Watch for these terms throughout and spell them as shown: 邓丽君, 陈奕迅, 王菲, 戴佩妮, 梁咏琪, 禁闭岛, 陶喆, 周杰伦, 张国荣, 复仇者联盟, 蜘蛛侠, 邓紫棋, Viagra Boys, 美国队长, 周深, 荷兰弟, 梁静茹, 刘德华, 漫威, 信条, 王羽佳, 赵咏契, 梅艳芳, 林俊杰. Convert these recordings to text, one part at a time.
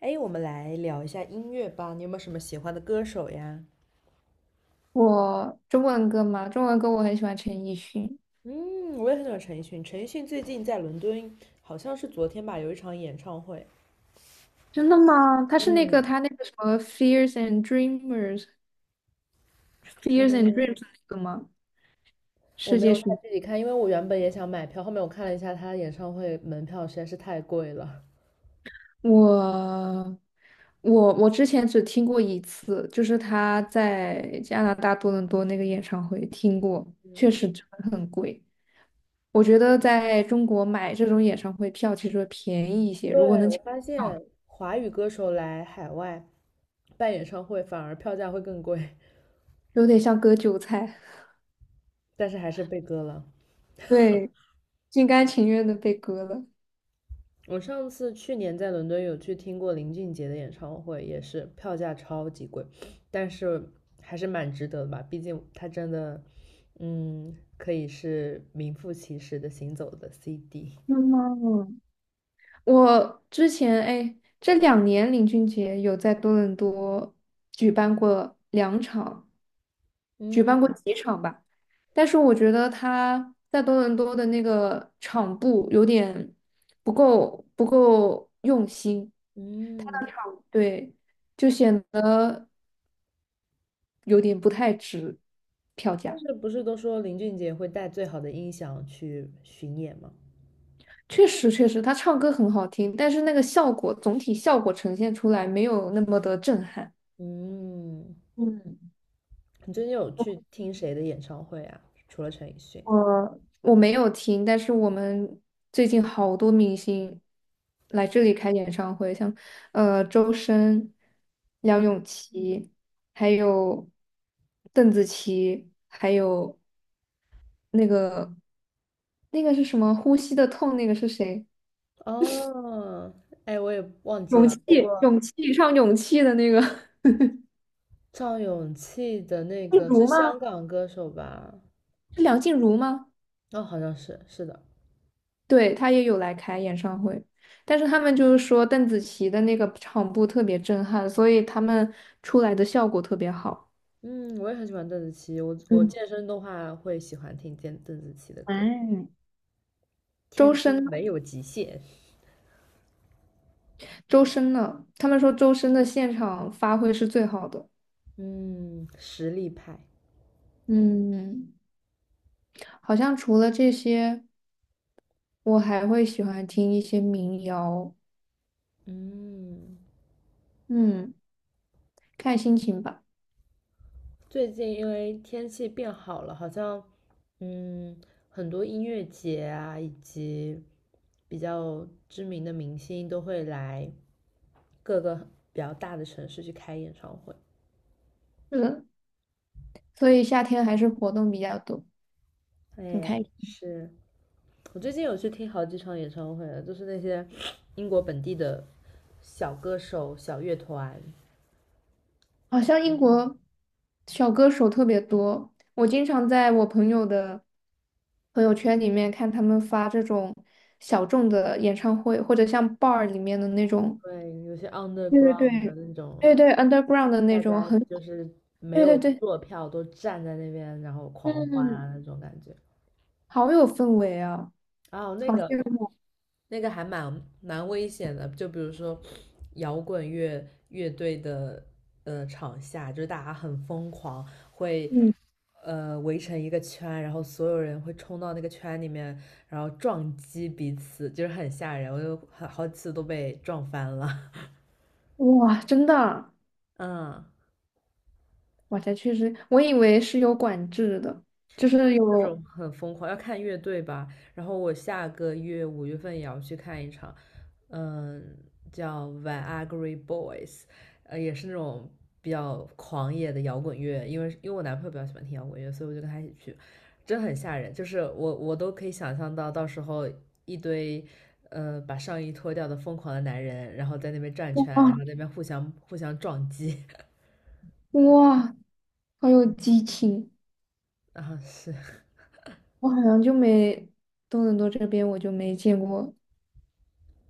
哎，我们来聊一下音乐吧。你有没有什么喜欢的歌手呀？我中文歌嘛，中文歌我很喜欢陈奕迅。嗯，我也很喜欢陈奕迅。陈奕迅最近在伦敦，好像是昨天吧，有一场演唱会。真的吗？他是那个嗯他那个什么《Fears and Dreamers》《Fears and Dreams》嗯，那个吗？我世没界有太巡具体看，因为我原本也想买票，后面我看了一下他演唱会门票实在是太贵了。我我之前只听过一次，就是他在加拿大多伦多那个演唱会听过，确实真的很贵。我觉得在中国买这种演唱会票其实会便宜一些，如果对，能我抢发到票，现华语歌手来海外办演唱会，反而票价会更贵，有点像割韭菜，但是还是被割了。对，心甘情愿的被割了。我上次去年在伦敦有去听过林俊杰的演唱会，也是票价超级贵，但是还是蛮值得的吧，毕竟他真的，可以是名副其实的行走的 CD。嗯，我之前哎，这两年林俊杰有在多伦多举办过两场，举办过嗯几场吧。但是我觉得他在多伦多的那个场布有点不够用心，嗯，对，就显得有点不太值票但价。是不是都说林俊杰会带最好的音响去巡演吗？确实，确实，他唱歌很好听，但是那个效果总体效果呈现出来没有那么的震撼。嗯，嗯。你最近有去听谁的演唱会啊？除了陈奕迅？我我没有听，但是我们最近好多明星来这里开演唱会，像周深、梁咏嗯，琪，还有邓紫棋，还有那个那个是什么《呼吸的痛》那个是谁？哦，哎，我也忘记勇了，气，不过。勇气，唱勇气的那个，赵咏契的那静个是茹吗？香港歌手吧？是梁静茹吗？哦，好像是，是的。对，他也有来开演唱会，但是他们就是说邓紫棋的那个场布特别震撼，所以他们出来的效果特别好。嗯，我也很喜欢邓紫棋，我嗯，健身的话会喜欢听邓紫棋的歌，哎，《天周空深呢，没有极限》。周深呢？他们说周深的现场发挥是最好的。嗯，实力派。嗯，好像除了这些，我还会喜欢听一些民谣。嗯，嗯，看心情吧。最近因为天气变好了，好像嗯很多音乐节啊，以及比较知名的明星都会来各个比较大的城市去开演唱会。嗯，所以夏天还是活动比较多，很哎，开是。我最近有去听好几场演唱会了，就是那些英国本地的小歌手、小乐团，好像英国小歌手特别多，我经常在我朋友的朋友圈里面看他们发这种小众的演唱会，或者像 bar 里面的那种，对，有些 对对 underground 的对，那种，对对，underground 的那大种，家很，就是没对有对对，坐票，都站在那边然后狂欢嗯，啊那种感觉。好有氛围啊，哦，那好个羡慕，那个还蛮危险的，就比如说摇滚乐乐队的场下，就是大家很疯狂，会嗯，围成一个圈，然后所有人会冲到那个圈里面，然后撞击彼此，就是很吓人，我就很好几次都被撞翻了。哇，真的啊。 嗯，哇，这确实，我以为是有管制的，就是这有，种很疯狂，要看乐队吧。然后我下个月五月份也要去看一场，嗯，叫 Viagra Boys，也是那种比较狂野的摇滚乐。因为我男朋友比较喜欢听摇滚乐，所以我就跟他一起去，真很吓人。就是我都可以想象到，到时候一堆。把上衣脱掉的疯狂的男人，然后在那边转圈，然哇，后在那边互相撞击，哇，好有激情。啊，是，我好像就没多伦多这边我就没见过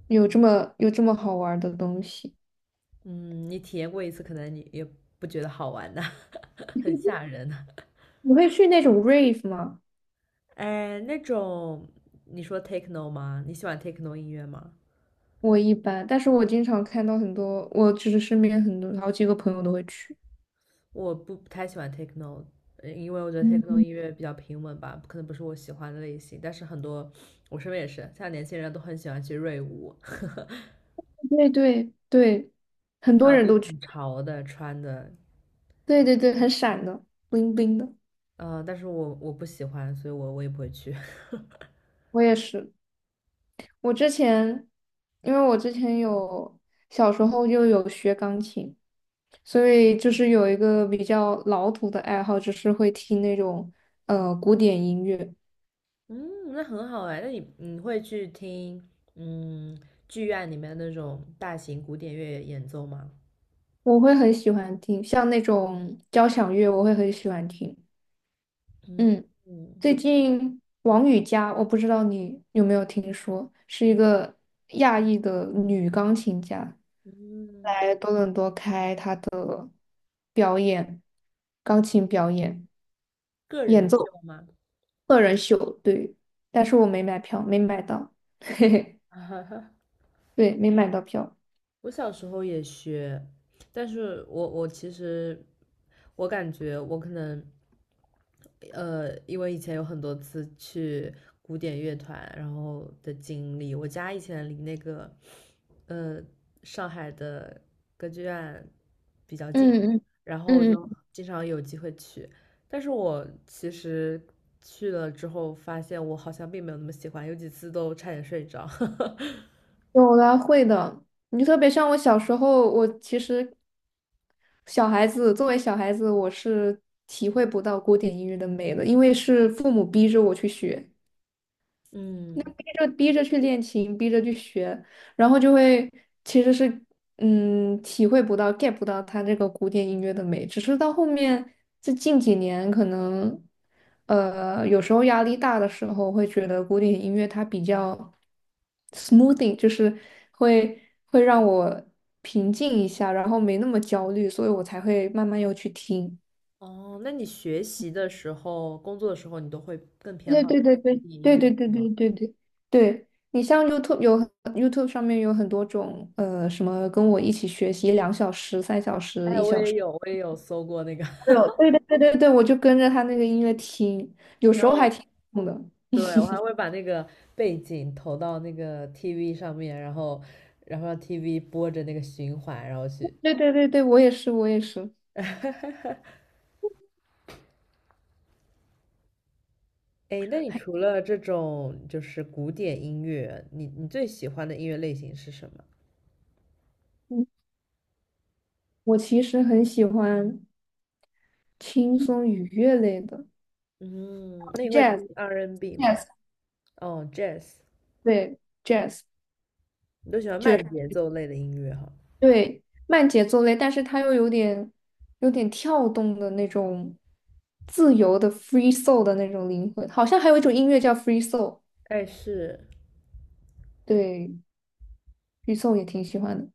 有这么好玩儿的东西。嗯，你体验过一次，可能你也不觉得好玩的。很吓人。你会去那种 rave 吗？哎，那种你说 techno 吗？你喜欢 techno 音乐吗？我一般，但是我经常看到很多，我就是身边很多好几个朋友都会去。我不太喜欢 techno，因为我觉得 techno 嗯，音乐比较平稳吧，可能不是我喜欢的类型。但是很多我身边也是，像年轻人都很喜欢去瑞舞，很对对对，很多人都去。潮的穿的，对对对，很闪的，bling bling 的。但是我不喜欢，所以我也不会去。我也是。我之前，因为我之前有小时候就有学钢琴，所以就是有一个比较老土的爱好，就是会听那种古典音乐，嗯，那很好哎，那你会去听嗯剧院里面那种大型古典乐演奏吗？我会很喜欢听，像那种交响乐，我会很喜欢听。嗯嗯，嗯最近王羽佳，我不知道你有没有听说，是一个亚裔的女钢琴家，嗯。来多伦多开表演钢琴表演个人演秀奏。吗？个人秀，对，但是我没买票，没买到，嘿嘿，对，没买到票。我小时候也学，但是我其实我感觉我可能因为以前有很多次去古典乐团，然后的经历，我家以前离那个呃上海的歌剧院比较近，嗯嗯然后嗯，就嗯，经常有机会去，但是我其实去了之后发现我好像并没有那么喜欢，有几次都差点睡着。有啦，会的。你特别像我小时候，我其实小孩子作为小孩子，我是体会不到古典音乐的美的，因为是父母逼着我去学。那嗯，逼着去练琴，逼着去学，然后就会其实是嗯体会不到 get 不到它这个古典音乐的美，只是到后面这近几年可能有时候压力大的时候会觉得古典音乐它比较 smoothing,就是会会让我平静一下，然后没那么焦虑，所以我才会慢慢又去听。哦，那你学习的时候、工作的时候，你都会更偏对好对独对对立音对乐对对是对吗？对对对，你像 YouTube 有 YouTube 上面有很多种什么跟我一起学习两小时、三小时、哎，一我小也时，有，我也有搜过那个，对哦 对对对对对，我就跟着他那个音乐听，有然时候后还挺痛的。对，我还会把那个背景投到那个 TV 上面，然后让 TV 播着那个循环，然后去。对对对对，我也是我也是，哎，那你除了这种就是古典音乐，你最喜欢的音乐类型是什么？嗯，我其实很喜欢轻松愉悦类的 嗯，那你会听 jazz。 R&B N 吗？jazz 哦，Jazz，对 jazz。你都喜欢慢节奏类的音乐哈。对，慢节奏类，但是它又有点跳动的那种自由的 free soul 的那种灵魂，好像还有一种音乐叫 free soul,哎，是对，free soul 也挺喜欢的。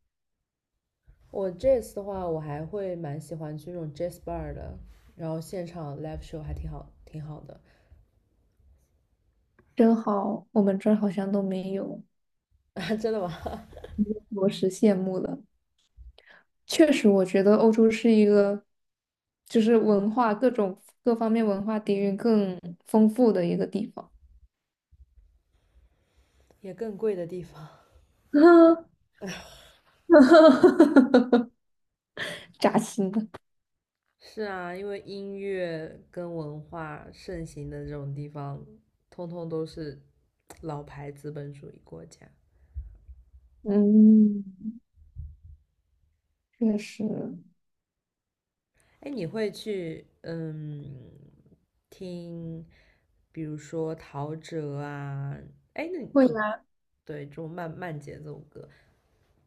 我这次的话，我还会蛮喜欢去那种 jazz bar 的，然后现场 live show 还挺好，挺好的。真好，我们这儿好像都没有，啊，真的吗？着实羡慕了。确实，我觉得欧洲是一个就是文化各方面文化底蕴更丰富的一个地方，也更贵的地方。扎心的。是啊，因为音乐跟文化盛行的这种地方，通通都是老牌资本主义国家。嗯，确实。哎，你会去听，比如说陶喆啊，哎，那你会。对这种慢节奏歌，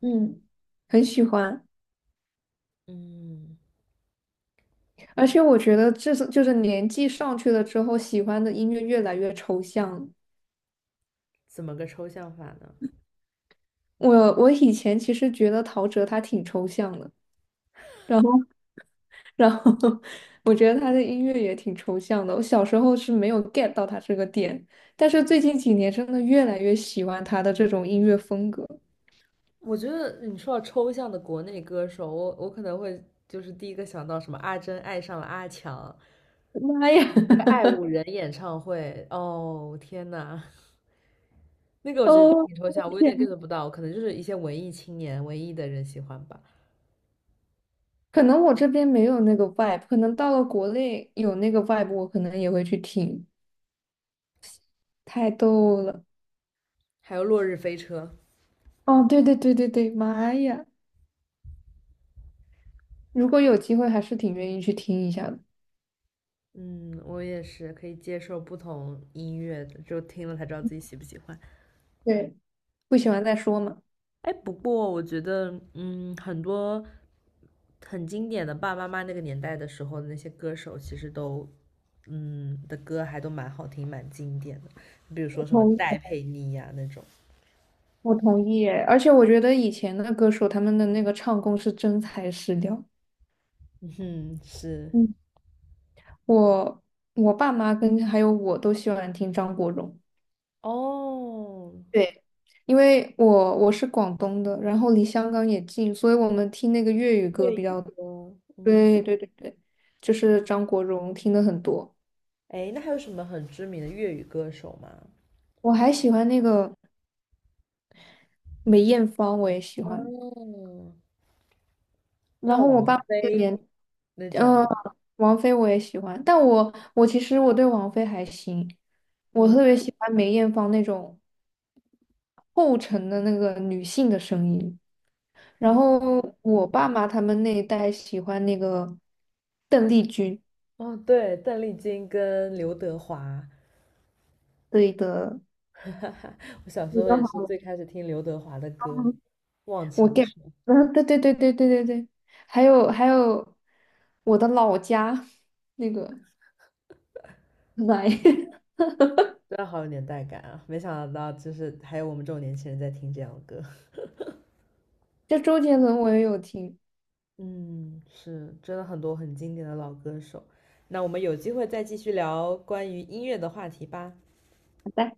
嗯，很喜欢，嗯，而且我觉得这是就是年纪上去了之后，喜欢的音乐越来越抽象了。怎么个抽象法呢？我我以前其实觉得陶喆他挺抽象的，然后然后 我觉得他的音乐也挺抽象的。我小时候是没有 get 到他这个点，但是最近几年真的越来越喜欢他的这种音乐风格。我觉得你说到抽象的国内歌手，我可能会就是第一个想到什么阿珍爱上了阿强，妈呀！那个 爱五人演唱会，哦天呐，那个我觉得哦，挺抽象，我有天点 呐， get 不到，可能就是一些文艺青年、文艺的人喜欢吧。可能我这边没有那个 vibe,可能到了国内有那个 vibe,我可能也会去听。太逗了。还有落日飞车，哦，对对对对对，妈呀！如果有机会，还是挺愿意去听一下的。嗯，我也是可以接受不同音乐的，就听了才知道自己喜不喜欢。对，不喜欢再说嘛。哎，不过我觉得，很多很经典的爸爸妈妈那个年代的时候的那些歌手，其实都，的歌还都蛮好听，蛮经典的。比如我说什么同意，戴佩妮呀、那种，我同意耶。而且我觉得以前的歌手他们的那个唱功是真材实料。嗯哼，是嗯，我我爸妈跟还有我都喜欢听张国荣，哦，对，因为我是广东的，然后离香港也近，所以我们听那个粤语歌粤比语较。歌，对对对对，就是张国荣听的很多。哎，那还有什么很知名的粤语歌手吗？我还喜欢那个梅艳芳，我也喜欢。嗯，然那后我王爸爸这个菲年，那种，嗯、王菲我也喜欢，但我其实对王菲还行，我嗯特别喜欢梅艳芳那种厚沉的那个女性的声音。然嗯，后我爸妈他们那一代喜欢那个邓丽君，哦，对，邓丽君跟刘德华，对的，我小时你候的也是好，最开始听刘德华的歌，《忘我 情 get,水》。嗯，对对对对对对对，还有我的老家那个奶，真的好有年代感啊！没想到就是还有我们这种年轻人在听这样的歌。就周杰伦我也有听。嗯，是，真的很多很经典的老歌手。那我们有机会再继续聊关于音乐的话题吧。好的